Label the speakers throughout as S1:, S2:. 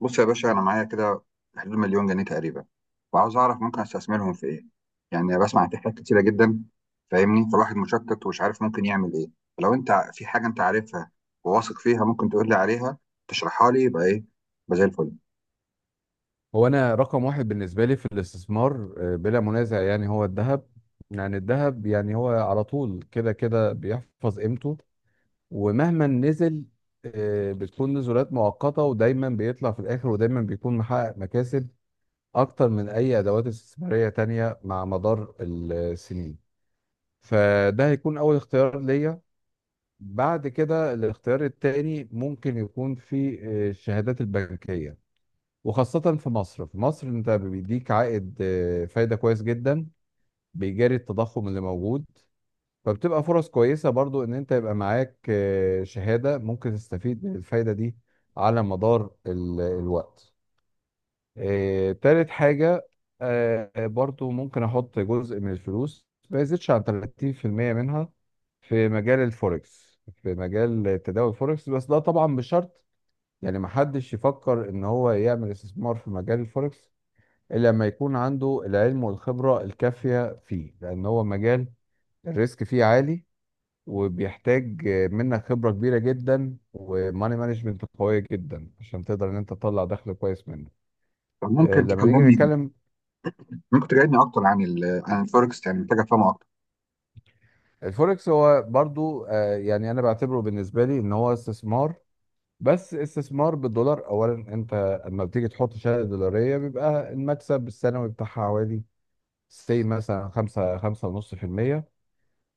S1: بص يا باشا، انا معايا كده في حدود مليون جنيه تقريبا، وعاوز اعرف ممكن استثمرهم في ايه. يعني بسمع عن حاجات كتيره جدا، فاهمني، فالواحد مشتت ومش عارف ممكن يعمل ايه. فلو انت في حاجه انت عارفها وواثق فيها، ممكن تقول لي عليها، تشرحها لي، يبقى ايه؟ يبقى زي الفل.
S2: هو انا رقم واحد بالنسبه لي في الاستثمار، بلا منازع يعني هو الذهب. يعني الذهب، يعني هو على طول كده كده بيحفظ قيمته. ومهما نزل، بتكون نزولات مؤقته، ودايما بيطلع في الاخر، ودايما بيكون محقق مكاسب اكتر من اي ادوات استثماريه تانية مع مدار السنين. فده هيكون اول اختيار ليا. بعد كده الاختيار التاني ممكن يكون في الشهادات البنكيه. وخاصة في مصر انت بيديك عائد، فايدة كويس جدا، بيجاري التضخم اللي موجود. فبتبقى فرص كويسة برضو ان انت يبقى معاك شهادة ممكن تستفيد من الفايدة دي على مدار الوقت. تالت حاجة، برضو ممكن احط جزء من الفلوس ما يزيدش عن 30% منها في مجال تداول الفوركس، بس ده طبعا بشرط. يعني محدش يفكر ان هو يعمل استثمار في مجال الفوركس لما يكون عنده العلم والخبرة الكافية فيه، لأن هو مجال الريسك فيه عالي، وبيحتاج منك خبرة كبيرة جدا وماني مانجمنت قوية جدا عشان تقدر إن أنت تطلع دخل كويس منه.
S1: طب ممكن
S2: لما نيجي
S1: تكلمني،
S2: نتكلم
S1: ممكن تجاوبني اكتر عن عن الفوركس، يعني محتاج افهمه اكتر.
S2: الفوركس، هو برضو يعني أنا بعتبره بالنسبة لي إن هو استثمار، بس استثمار بالدولار. أولا، أنت لما بتيجي تحط شهادة دولارية بيبقى المكسب السنوي بتاعها حوالي سي مثلا 5 5.5%.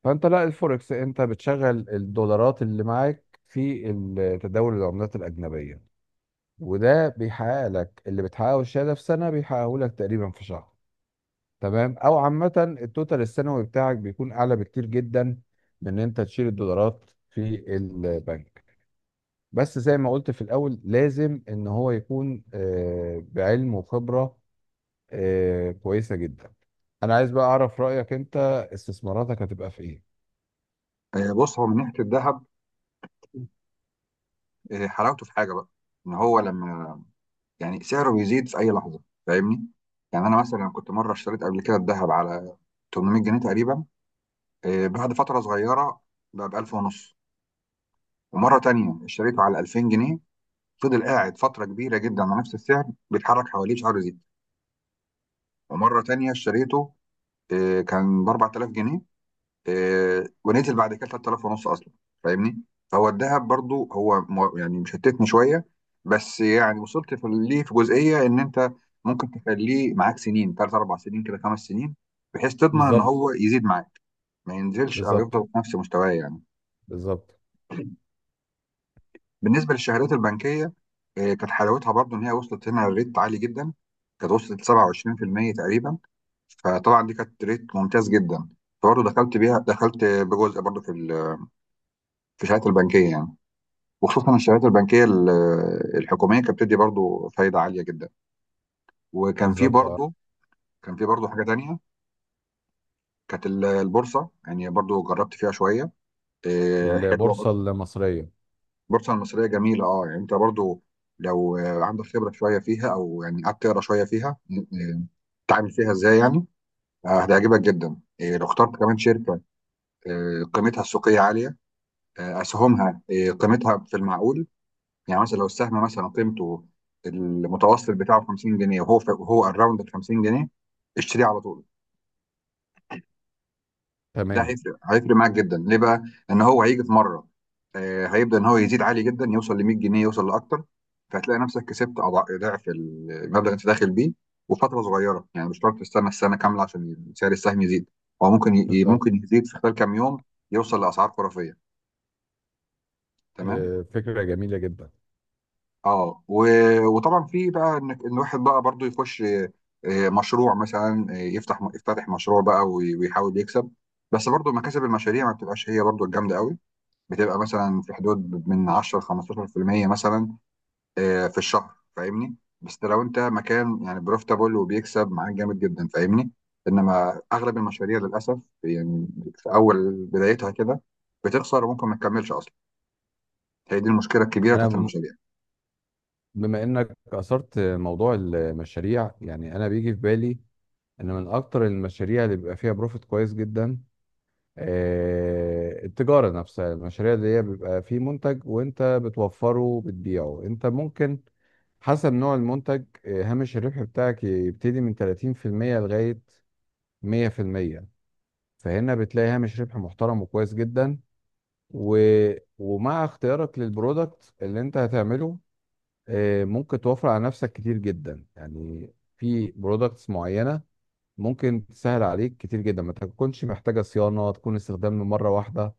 S2: فانت لا، الفوركس انت بتشغل الدولارات اللي معاك في تداول العملات الاجنبيه، وده بيحقق لك اللي بتحققه الشهاده في سنه، بيحققه لك تقريبا في شهر. تمام. او عامه، التوتال السنوي بتاعك بيكون اعلى بكتير جدا من ان انت تشيل الدولارات في البنك. بس زي ما قلت في الاول، لازم ان هو يكون بعلم وخبره كويسه جدا. انا عايز بقى اعرف رايك انت، استثماراتك هتبقى في ايه؟
S1: بص، هو من ناحيه الذهب، حلاوته في حاجه بقى، ان هو لما، يعني سعره بيزيد في اي لحظه، فاهمني. يعني انا مثلا كنت مره اشتريت قبل كده الذهب على 800 جنيه تقريبا، بعد فتره صغيره بقى ب 1000 ونص، ومره تانية اشتريته على 2000 جنيه، فضل قاعد فتره كبيره جدا على نفس السعر، بيتحرك حواليه شعره زيت. ومره تانية اشتريته، كان ب 4000 جنيه، ونزل بعد كده 3000 ونص اصلا، فاهمني. فهو الذهب برضو هو يعني مشتتني شويه، بس يعني وصلت في ليه في جزئيه ان انت ممكن تخليه معاك سنين، ثلاث اربع سنين كده، خمس سنين، بحيث تضمن ان هو
S2: بالظبط.
S1: يزيد معاك، ما ينزلش او
S2: بالظبط.
S1: يفضل في نفس مستواه يعني.
S2: بالظبط.
S1: بالنسبه للشهادات البنكيه، كانت حلاوتها برضو ان هي وصلت هنا لريت عالي جدا، كانت وصلت 27% تقريبا، فطبعا دي كانت ريت ممتاز جدا. برضه دخلت بيها، دخلت بجزء برضه في في الشهادات البنكيه يعني، وخصوصا الشهادات البنكيه الحكوميه، كانت بتدي برضو فايده عاليه جدا. وكان في
S2: بالظبط، اه.
S1: برضو، حاجه تانية، كانت البورصه، يعني برضو جربت فيها شويه. إيه، حلوه
S2: البورصة
S1: برضو.
S2: المصرية.
S1: البورصه المصريه جميله، اه. يعني انت برضو لو عندك خبره شويه فيها، او يعني قعدت تقرا شويه فيها، تتعامل فيها ازاي يعني، هتعجبك جدا. لو اخترت كمان شركه قيمتها السوقيه عاليه، اسهمها قيمتها في المعقول، يعني مثلا لو السهم مثلا قيمته المتوسط بتاعه 50 جنيه وهو وهو اراوند ال 50 جنيه، اشتريه على طول. ده
S2: تمام.
S1: هيفرق هيفرق معاك جدا. ليه بقى؟ ان هو هيجي في مره هيبدا ان هو يزيد عالي جدا، يوصل ل 100 جنيه، يوصل لاكتر. فهتلاقي نفسك كسبت ضعف المبلغ اللي انت داخل بيه وفتره صغيره، يعني مش شرط تستنى السنه كامله عشان سعر السهم يزيد. هو
S2: بالظبط.
S1: ممكن يزيد في خلال كام يوم، يوصل لاسعار خرافيه، تمام.
S2: فكرة جميلة جدا.
S1: اه وطبعا في بقى ان الواحد بقى برضو يخش، مشروع مثلا، يفتتح مشروع بقى ويحاول يكسب، بس برضو مكاسب المشاريع ما بتبقاش هي برضو الجامده قوي، بتبقى مثلا في حدود من 10 ل 15% مثلا في الشهر، فاهمني. بس لو انت مكان يعني بروفيتابل وبيكسب معاك جامد جدا، فاهمني. انما اغلب المشاريع للاسف، يعني في اول بدايتها كده، بتخسر وممكن ما تكملش اصلا. هي دي المشكله الكبيره
S2: انا
S1: بتاعت المشاريع.
S2: بما انك اثرت موضوع المشاريع، يعني انا بيجي في بالي ان من اكتر المشاريع اللي بيبقى فيها بروفيت كويس جدا، التجارة نفسها. المشاريع اللي هي بيبقى فيه منتج وانت بتوفره وبتبيعه، انت ممكن، حسب نوع المنتج، هامش الربح بتاعك يبتدي من 30% لغاية 100%. فهنا بتلاقي هامش ربح محترم وكويس جدا. و... ومع اختيارك للبرودكت اللي انت هتعمله، ممكن توفر على نفسك كتير جدا. يعني في برودكتس معينة ممكن تسهل عليك كتير جدا، ما تكونش محتاجة صيانة، تكون استخدام من مرة واحدة.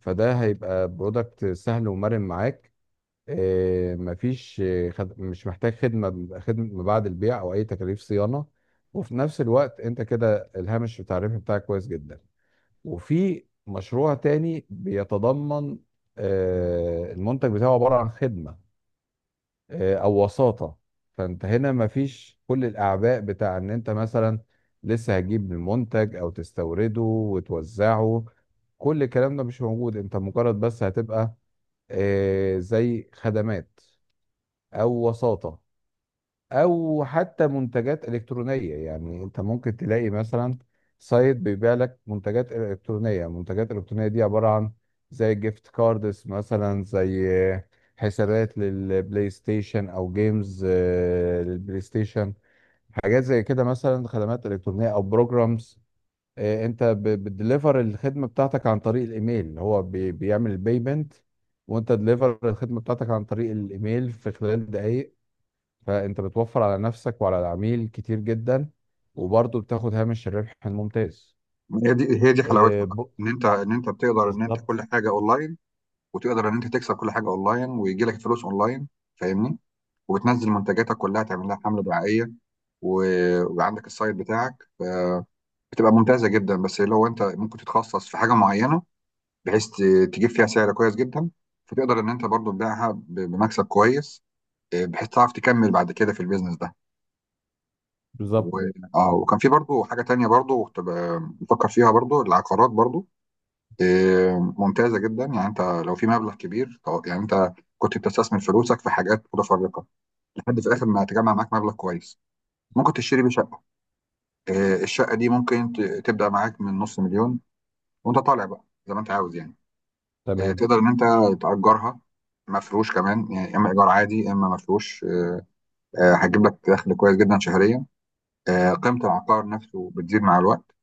S2: فده هيبقى برودكت سهل ومرن معاك. مفيش مش محتاج خدمة بعد البيع أو أي تكاليف صيانة. وفي نفس الوقت أنت كده الهامش بتاع الربح بتاعك كويس جدا. وفي مشروع تاني بيتضمن المنتج بتاعه عبارة عن خدمة، أو وساطة. فأنت هنا مفيش كل الأعباء بتاع إن أنت مثلا لسه هتجيب المنتج أو تستورده وتوزعه، كل الكلام ده مش موجود. أنت مجرد بس هتبقى زي خدمات أو وساطة، او حتى منتجات الكترونيه. يعني انت ممكن تلاقي مثلا سايت بيبيع لك منتجات الالكترونيه، دي عباره عن زي جيفت كاردز مثلا، زي حسابات للبلاي ستيشن او جيمز، للبلاي ستيشن. حاجات زي كده، مثلا خدمات الكترونيه او بروجرامز. انت بتدليفر الخدمه بتاعتك عن طريق الايميل، هو بيعمل البيمنت، وانت دليفر الخدمه بتاعتك عن طريق الايميل في خلال دقائق. فانت بتوفر على نفسك وعلى العميل كتير جدا، وبرضه بتاخد هامش الربح الممتاز.
S1: ما هي دي حلاوتها
S2: آه،
S1: بقى،
S2: ب-
S1: ان انت بتقدر ان انت
S2: بالظبط.
S1: كل حاجه اونلاين، وتقدر ان انت تكسب كل حاجه اونلاين، ويجي لك فلوس اونلاين، فاهمني. وبتنزل منتجاتك كلها، تعمل لها حمله دعائيه وعندك السايت بتاعك، فبتبقى ممتازه جدا. بس لو انت ممكن تتخصص في حاجه معينه بحيث تجيب فيها سعر كويس جدا، فتقدر ان انت برضو تبيعها بمكسب كويس، بحيث تعرف تكمل بعد كده في البيزنس ده. و...
S2: بالظبط.
S1: اه، وكان في برضو حاجه تانية برضو، كنت بفكر فيها برضو، العقارات برضو، إيه، ممتازة جدا. يعني انت لو في مبلغ كبير، يعني انت كنت بتستثمر فلوسك في حاجات متفرقة لحد في الاخر ما تجمع معاك مبلغ كويس، ممكن تشتري بيه شقة. إيه، الشقة دي ممكن تبدأ معاك من نص مليون، وانت طالع بقى زي ما انت عاوز يعني. إيه،
S2: تمام،
S1: تقدر ان انت تأجرها مفروش كمان، يعني اما ايجار عادي اما مفروش. إيه، هتجيب لك دخل كويس جدا شهريا. إيه، قيمة العقار نفسه بتزيد مع الوقت.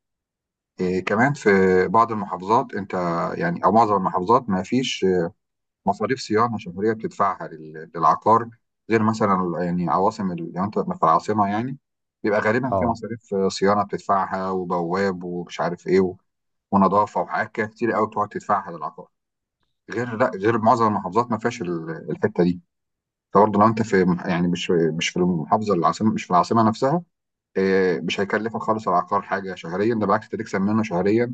S1: إيه، كمان في بعض المحافظات انت، يعني او معظم المحافظات، ما فيش مصاريف صيانه شهريه بتدفعها للعقار، غير مثلا يعني عواصم لو انت في العاصمه يعني، بيبقى غالبا في
S2: اه.
S1: مصاريف صيانه بتدفعها، وبواب ومش عارف ايه ونظافه وحاجات كده كتير قوي بتقعد تدفعها للعقار. غير معظم المحافظات ما فيهاش الحته دي. فبرضه لو انت في يعني مش في المحافظه العاصمه، مش في العاصمه نفسها، مش هيكلفك خالص العقار حاجه شهريا، ده بالعكس انت تكسب منه شهريا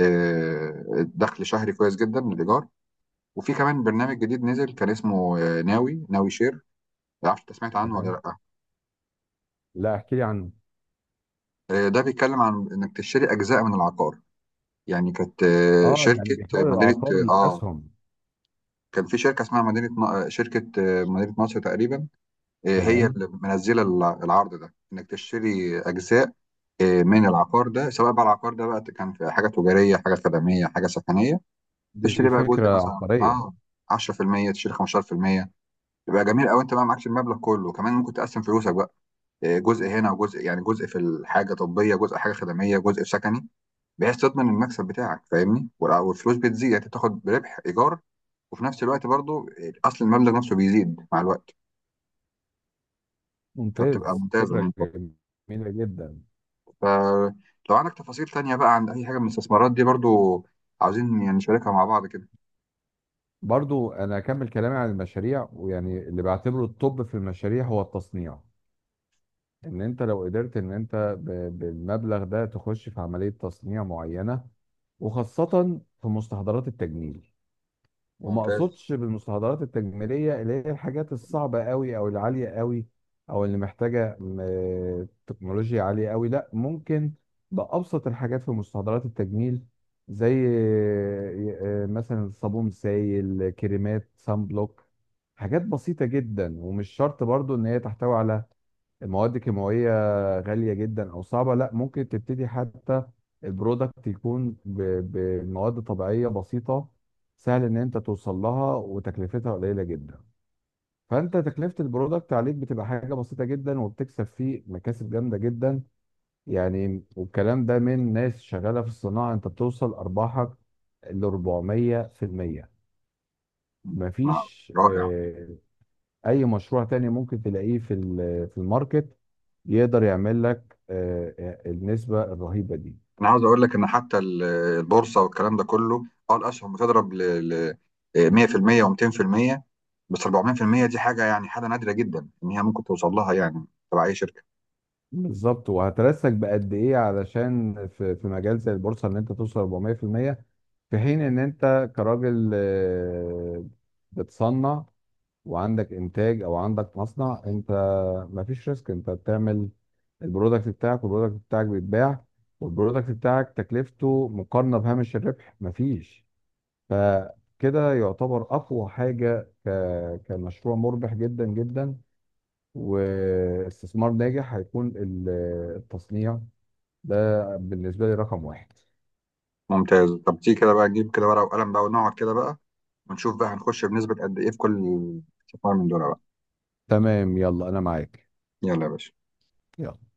S1: آه، دخل شهري كويس جدا من الايجار. وفي كمان برنامج جديد نزل، كان اسمه ناوي ناوي شير، ما اعرفش انت سمعت عنه ولا
S2: تمام.
S1: لا.
S2: لا، احكي لي عنه.
S1: ده بيتكلم عن انك تشتري اجزاء من العقار، يعني كانت
S2: اه، يعني
S1: شركه،
S2: بيحول
S1: مدينه
S2: العقار لاسهم.
S1: كان في شركه اسمها مدينه شركه، مدينه نصر تقريبا. هي
S2: تمام،
S1: اللي منزله العرض ده، انك تشتري اجزاء من العقار ده، سواء بقى العقار ده بقى كان في حاجه تجاريه، حاجه خدميه، حاجه سكنيه.
S2: دي
S1: تشتري بقى جزء
S2: فكره
S1: مثلا،
S2: عبقريه.
S1: اه، 10%، تشتري 15%، يبقى جميل قوي، انت بقى معكش المبلغ كله، كمان ممكن تقسم فلوسك جزء هنا وجزء، يعني جزء في الحاجه طبيه، جزء حاجه خدميه، جزء في سكني، بحيث تضمن المكسب بتاعك، فاهمني. والفلوس بتزيد، يعني أنت بتاخد بربح ايجار، وفي نفس الوقت برضو اصل المبلغ نفسه بيزيد مع الوقت، فبتبقى
S2: ممتاز،
S1: ممتازه
S2: فكره
S1: يعني.
S2: جميله جدا.
S1: فلو عندك تفاصيل تانية بقى عن اي حاجه من الاستثمارات دي برضو، عاوزين يعني نشاركها مع بعض كده.
S2: برضو انا اكمل كلامي عن المشاريع، ويعني اللي بعتبره الطب في المشاريع هو التصنيع. ان انت لو قدرت ان انت بالمبلغ ده تخش في عملية تصنيع معينة، وخاصة في مستحضرات التجميل. وما
S1: ممتاز.
S2: اقصدش بالمستحضرات التجميلية اللي هي الحاجات الصعبة قوي او العالية قوي او اللي محتاجة تكنولوجيا عالية قوي. لا، ممكن بأبسط الحاجات في مستحضرات التجميل، زي مثلا صابون سائل، كريمات سان بلوك. حاجات بسيطة جدا، ومش شرط برضو ان هي تحتوي على مواد كيماوية غالية جدا أو صعبة. لا، ممكن تبتدي حتى البرودكت يكون بمواد طبيعية بسيطة، سهل إن أنت توصل لها وتكلفتها قليلة جدا. فأنت تكلفة البرودكت عليك بتبقى حاجة بسيطة جدا، وبتكسب فيه مكاسب جامدة جدا يعني. والكلام ده من ناس شغالة في الصناعة. أنت بتوصل أرباحك ل 400%.
S1: مع-
S2: مفيش
S1: رائع.
S2: اي مشروع تاني ممكن تلاقيه في في الماركت يقدر يعمل لك النسبة الرهيبة دي.
S1: انا عاوز اقول لك ان حتى البورصه والكلام ده كله، اه، الاسهم بتضرب ل 100% و200%، بس 400% دي حاجه يعني حاجه نادره جدا ان هي ممكن توصل لها يعني تبع اي شركه.
S2: بالظبط. وهترسك بقد ايه علشان في مجال زي البورصة ان انت توصل 400% في المية، في حين ان انت كراجل، بتصنع وعندك انتاج او عندك مصنع، انت مفيش ريسك. انت بتعمل البرودكت بتاعك، والبرودكت بتاعك بيتباع، والبرودكت بتاعك تكلفته مقارنة بهامش الربح مفيش. فكده يعتبر اقوى حاجه كمشروع مربح جدا جدا، واستثمار ناجح. هيكون التصنيع ده بالنسبه لي رقم واحد.
S1: ممتاز. طب تيجي كده بقى نجيب كده ورقه وقلم بقى ونقعد كده بقى، ونشوف بقى هنخش بنسبه قد ايه في كل استثمار من دول بقى.
S2: تمام، يلا انا معاك.
S1: يلا يا باشا.
S2: يلا.